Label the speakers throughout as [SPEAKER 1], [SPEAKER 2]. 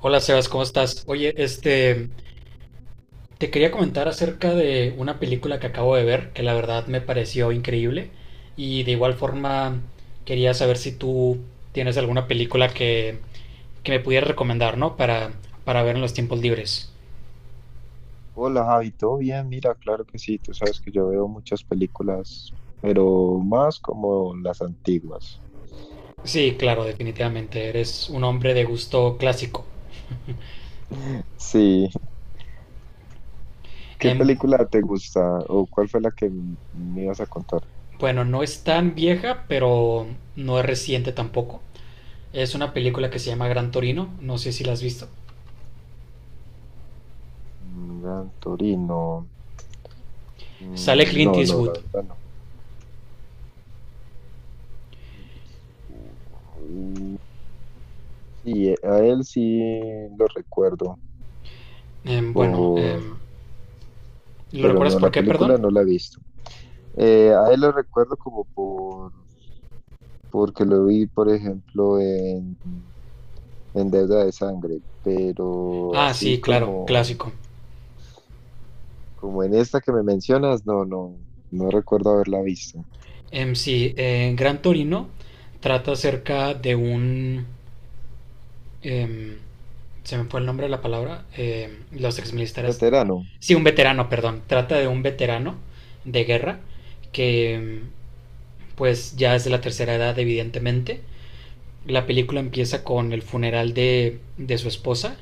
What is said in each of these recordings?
[SPEAKER 1] Hola Sebas, ¿cómo estás? Oye, te quería comentar acerca de una película que acabo de ver, que la verdad me pareció increíble, y de igual forma quería saber si tú tienes alguna película que me pudieras recomendar, ¿no? Para ver en los tiempos libres.
[SPEAKER 2] Hola Javi, ¿todo bien? Mira, claro que sí, tú sabes que yo veo muchas películas, pero más como las antiguas.
[SPEAKER 1] Sí, claro, definitivamente, eres un hombre de gusto clásico.
[SPEAKER 2] Sí, ¿qué
[SPEAKER 1] Em,
[SPEAKER 2] película te gusta o cuál fue la que me ibas a contar?
[SPEAKER 1] bueno, no es tan vieja, pero no es reciente tampoco. Es una película que se llama Gran Torino, no sé si la has visto.
[SPEAKER 2] Mm, Gran Torino.
[SPEAKER 1] Sale
[SPEAKER 2] Mm,
[SPEAKER 1] Clint
[SPEAKER 2] no, no, la
[SPEAKER 1] Eastwood.
[SPEAKER 2] verdad no. Mm, sí, a él sí lo recuerdo,
[SPEAKER 1] Em, bueno,
[SPEAKER 2] por-
[SPEAKER 1] em, ¿lo
[SPEAKER 2] pero
[SPEAKER 1] recuerdas
[SPEAKER 2] no, la
[SPEAKER 1] por qué,
[SPEAKER 2] película
[SPEAKER 1] perdón?
[SPEAKER 2] no la he visto. A él lo recuerdo como porque lo vi, por ejemplo, en deuda de sangre, pero
[SPEAKER 1] Ah,
[SPEAKER 2] así
[SPEAKER 1] sí, claro,
[SPEAKER 2] como,
[SPEAKER 1] clásico.
[SPEAKER 2] como en esta que me mencionas, no, no, no recuerdo haberla visto.
[SPEAKER 1] Sí, Gran Torino trata acerca de un... em, se me fue el nombre de la palabra. Los exmilitares...
[SPEAKER 2] Veterano,
[SPEAKER 1] Sí, un veterano, perdón. Trata de un veterano de guerra que pues ya es de la tercera edad, evidentemente. La película empieza con el funeral de su esposa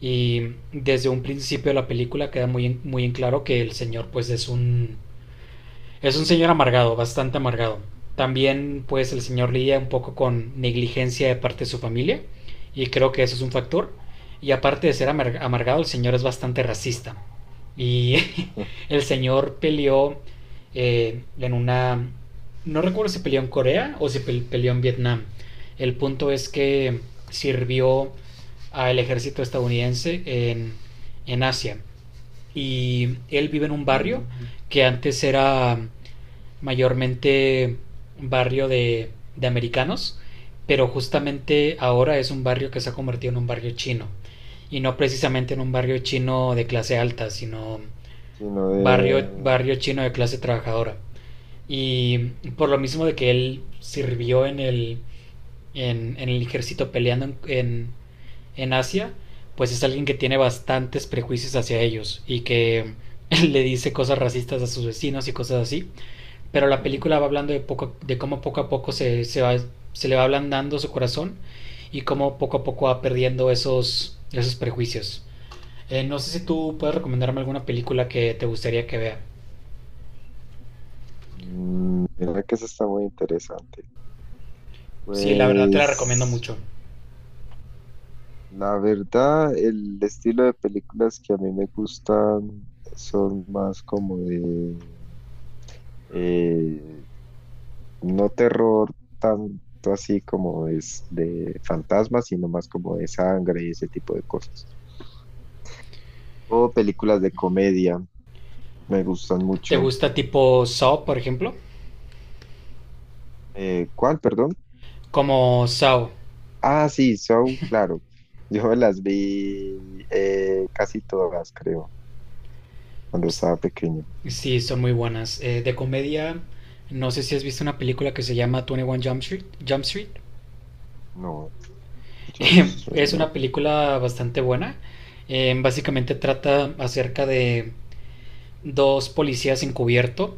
[SPEAKER 1] y desde un principio de la película queda muy en claro que el señor pues es un. Es un señor amargado, bastante amargado. También, pues, el señor lidia un poco con negligencia de parte de su familia, y creo que eso es un factor. Y aparte de ser amargado, el señor es bastante racista. Y el señor peleó en una... No recuerdo si peleó en Corea o si peleó en Vietnam. El punto es que sirvió al ejército estadounidense en Asia y él vive en un barrio
[SPEAKER 2] mm,
[SPEAKER 1] que antes era mayormente barrio de americanos, pero justamente ahora es un barrio que se ha convertido en un barrio chino. Y no precisamente en un barrio chino de clase alta, sino
[SPEAKER 2] sino de...
[SPEAKER 1] barrio chino de clase trabajadora. Y por lo mismo de que él sirvió en el ejército peleando en Asia, pues es alguien que tiene bastantes prejuicios hacia ellos y que le dice cosas racistas a sus vecinos y cosas así. Pero la película va hablando de cómo poco a poco se le va ablandando su corazón y cómo poco a poco va perdiendo esos prejuicios. No sé si tú puedes recomendarme alguna película que te gustaría que vea.
[SPEAKER 2] Mm, mira que eso está muy interesante.
[SPEAKER 1] Sí, la verdad te la recomiendo
[SPEAKER 2] Pues
[SPEAKER 1] mucho.
[SPEAKER 2] la verdad, el estilo de películas que a mí me gustan son más como de... eh, no terror tanto así como es de fantasmas, sino más como de sangre y ese tipo de cosas. O películas de comedia, me gustan
[SPEAKER 1] ¿Te
[SPEAKER 2] mucho.
[SPEAKER 1] gusta tipo Saw, por ejemplo?
[SPEAKER 2] ¿Cuál, perdón?
[SPEAKER 1] Como Saw.
[SPEAKER 2] Ah, sí, Saw, claro. Yo me las vi casi todas, creo, cuando estaba pequeño.
[SPEAKER 1] Sí, son muy buenas. De comedia, no sé si has visto una película que se llama 21 Jump Street. Jump Street.
[SPEAKER 2] No, John
[SPEAKER 1] Es una
[SPEAKER 2] no.
[SPEAKER 1] película bastante buena. Básicamente trata acerca de dos policías encubierto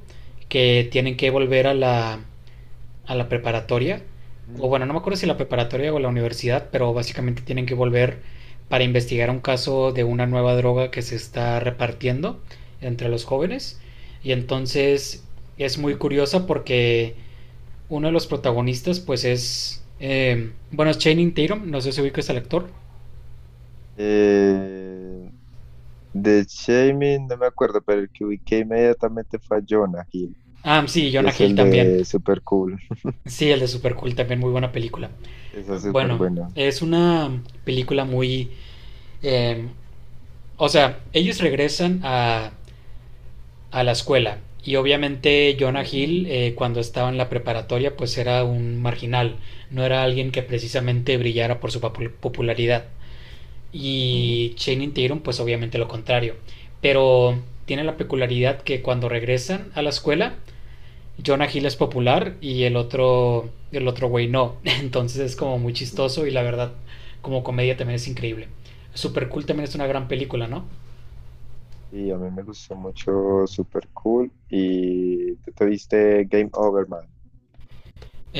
[SPEAKER 1] que tienen que volver a a la preparatoria, o
[SPEAKER 2] Mm,
[SPEAKER 1] bueno, no me acuerdo si la preparatoria o la universidad, pero básicamente tienen que volver para investigar un caso de una nueva droga que se está repartiendo entre los jóvenes. Y entonces es muy
[SPEAKER 2] ujú.
[SPEAKER 1] curiosa porque uno de los protagonistas pues es... bueno, es Channing Tatum, no sé si ubicas al actor.
[SPEAKER 2] Eh, de Shaming, no me acuerdo, pero el que ubiqué inmediatamente fue a Jonah Hill,
[SPEAKER 1] Ah, sí,
[SPEAKER 2] que
[SPEAKER 1] Jonah
[SPEAKER 2] es
[SPEAKER 1] Hill
[SPEAKER 2] el
[SPEAKER 1] también.
[SPEAKER 2] de Super Cool.
[SPEAKER 1] Sí, el de Super Cool también, muy buena película.
[SPEAKER 2] Esa es súper
[SPEAKER 1] Bueno,
[SPEAKER 2] buena.
[SPEAKER 1] es una película muy... eh, o sea, ellos regresan a la escuela. Y obviamente
[SPEAKER 2] Sí.
[SPEAKER 1] Jonah Hill, cuando estaba en la preparatoria, pues era un marginal, no era alguien que precisamente brillara por su popularidad.
[SPEAKER 2] Ujú,
[SPEAKER 1] Y Channing Tatum, pues obviamente lo contrario. Pero tiene la peculiaridad que cuando regresan a la escuela, Jonah Hill es popular y el otro güey no. Entonces es como muy
[SPEAKER 2] ujú.
[SPEAKER 1] chistoso y la verdad, como comedia también es increíble. Super Cool también es una gran película, ¿no?
[SPEAKER 2] Y a mí me gustó mucho, súper cool. Y tú te viste Game Over, man.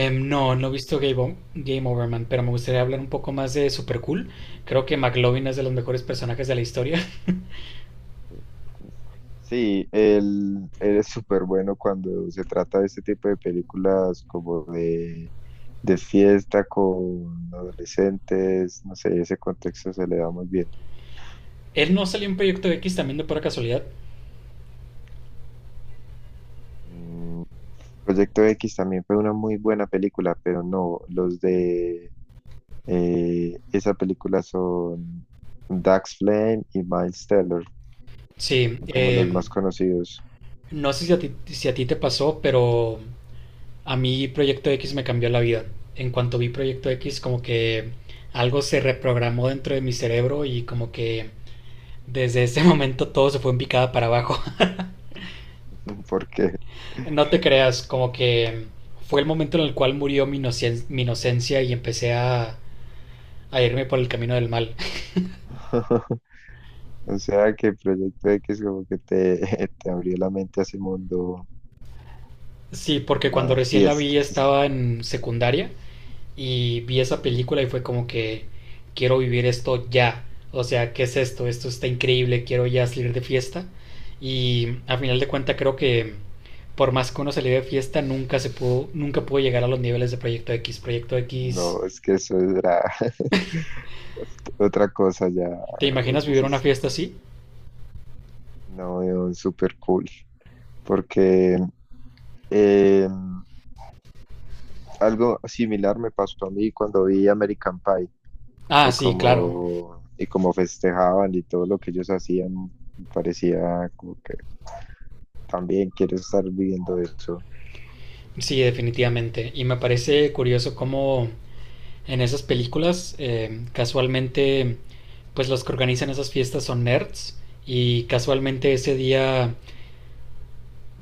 [SPEAKER 1] No, no he visto Game Over Man, pero me gustaría hablar un poco más de Super Cool. Creo que McLovin es de los mejores personajes de la historia.
[SPEAKER 2] Sí, él es súper bueno cuando se trata de este tipo de películas como de fiesta con adolescentes, no sé, ese contexto se le da muy bien.
[SPEAKER 1] Él no salió en Proyecto X también de pura casualidad.
[SPEAKER 2] Mm, Proyecto X también fue una muy buena película, pero no, los de esa película son Dax Flame y Miles Teller,
[SPEAKER 1] Sí,
[SPEAKER 2] como los más conocidos.
[SPEAKER 1] no sé si a ti te pasó, pero a mí Proyecto X me cambió la vida. En cuanto vi Proyecto X, como que algo se reprogramó dentro de mi cerebro y como que desde ese momento todo se fue en picada para abajo.
[SPEAKER 2] Porque,
[SPEAKER 1] No te creas, como que fue el momento en el cual murió mi inocencia y empecé a irme por el camino del mal.
[SPEAKER 2] o sea, que Proyecto X como que te, te abrió la mente a ese mundo
[SPEAKER 1] Sí,
[SPEAKER 2] de
[SPEAKER 1] porque cuando
[SPEAKER 2] las
[SPEAKER 1] recién la vi
[SPEAKER 2] fiestas.
[SPEAKER 1] estaba en secundaria y vi esa película y fue como que quiero vivir esto ya. O sea, ¿qué es esto? Esto está increíble, quiero ya salir de fiesta. Y a final de cuentas creo que por más que uno saliera de fiesta, nunca pudo llegar a los niveles de Proyecto X. Proyecto X,
[SPEAKER 2] No, es que eso era otra cosa ya.
[SPEAKER 1] ¿te imaginas
[SPEAKER 2] Ellos
[SPEAKER 1] vivir una
[SPEAKER 2] es-
[SPEAKER 1] fiesta así?
[SPEAKER 2] no, súper cool. Porque eh, algo similar me pasó a mí cuando vi American Pie
[SPEAKER 1] Ah, sí, claro.
[SPEAKER 2] y como festejaban y todo lo que ellos hacían, me parecía como que también quiero estar viviendo eso.
[SPEAKER 1] Sí, definitivamente. Y me parece curioso cómo en esas películas casualmente pues los que organizan esas fiestas son nerds y casualmente ese día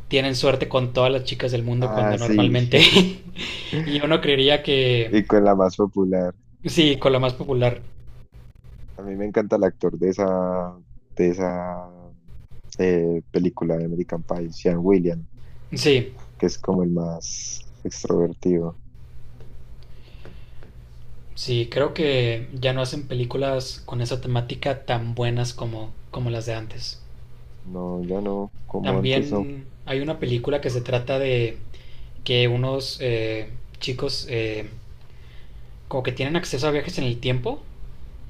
[SPEAKER 1] tienen suerte con todas las chicas del mundo cuando
[SPEAKER 2] Ah, sí,
[SPEAKER 1] normalmente y uno creería que
[SPEAKER 2] y con la más popular.
[SPEAKER 1] sí, con la más popular.
[SPEAKER 2] A mí me encanta el actor de esa película de American Pie, Sean William,
[SPEAKER 1] Sí,
[SPEAKER 2] que es como el más extrovertido.
[SPEAKER 1] sí, creo que ya no hacen películas con esa temática tan buenas como las de antes.
[SPEAKER 2] No, ya no, como antes no.
[SPEAKER 1] También hay una película que se trata de que unos chicos como que tienen acceso a viajes en el tiempo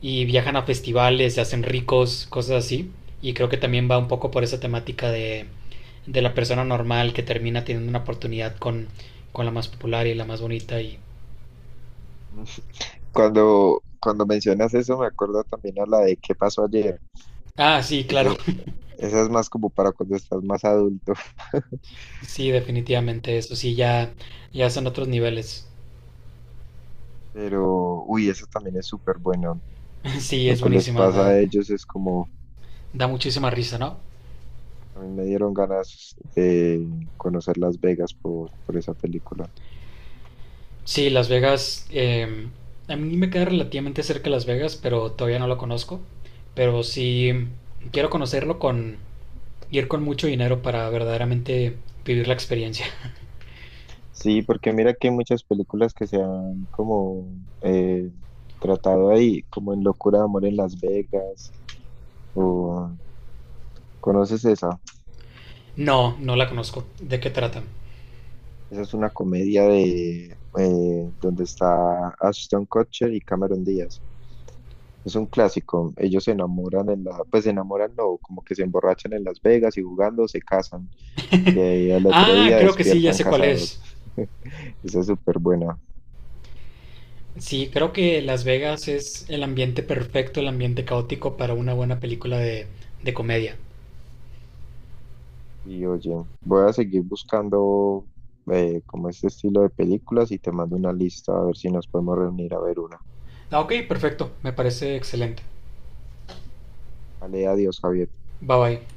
[SPEAKER 1] y viajan a festivales, se hacen ricos, cosas así. Y creo que también va un poco por esa temática de la persona normal que termina teniendo una oportunidad con la más popular y la más bonita. Y...
[SPEAKER 2] Cuando mencionas eso, me acuerdo también a la de ¿Qué pasó ayer?
[SPEAKER 1] Ah, sí,
[SPEAKER 2] Que
[SPEAKER 1] claro.
[SPEAKER 2] esa, esa es más como para cuando estás más adulto,
[SPEAKER 1] Sí, definitivamente. Eso sí, ya son otros niveles.
[SPEAKER 2] pero uy, eso también es súper bueno.
[SPEAKER 1] Sí,
[SPEAKER 2] Lo
[SPEAKER 1] es
[SPEAKER 2] que les
[SPEAKER 1] buenísima.
[SPEAKER 2] pasa a ellos es como,
[SPEAKER 1] Da muchísima risa, ¿no?
[SPEAKER 2] a mí me dieron ganas de conocer Las Vegas por esa película.
[SPEAKER 1] Sí, Las Vegas. A mí me queda relativamente cerca Las Vegas, pero todavía no lo conozco. Pero sí quiero conocerlo con ir con mucho dinero para verdaderamente vivir la experiencia.
[SPEAKER 2] Sí, porque mira que hay muchas películas que se han como tratado ahí, como en Locura de Amor en Las Vegas, o ¿conoces esa?
[SPEAKER 1] No, no la conozco. ¿De qué trata?
[SPEAKER 2] Esa es una comedia de donde está Ashton Kutcher y Cameron Díaz. Es un clásico. Ellos se enamoran en la, pues se enamoran, no, como que se emborrachan en Las Vegas y jugando se casan. Y ahí al otro
[SPEAKER 1] Ah,
[SPEAKER 2] día
[SPEAKER 1] creo que sí, ya
[SPEAKER 2] despiertan
[SPEAKER 1] sé cuál
[SPEAKER 2] casados.
[SPEAKER 1] es.
[SPEAKER 2] Esa es súper buena.
[SPEAKER 1] Sí, creo que Las Vegas es el ambiente perfecto, el ambiente caótico para una buena película de comedia.
[SPEAKER 2] Y oye, voy a seguir buscando como este estilo de películas y te mando una lista a ver si nos podemos reunir a ver una.
[SPEAKER 1] Ah, ok, perfecto. Me parece excelente.
[SPEAKER 2] Vale, adiós, Javier.
[SPEAKER 1] Bye bye.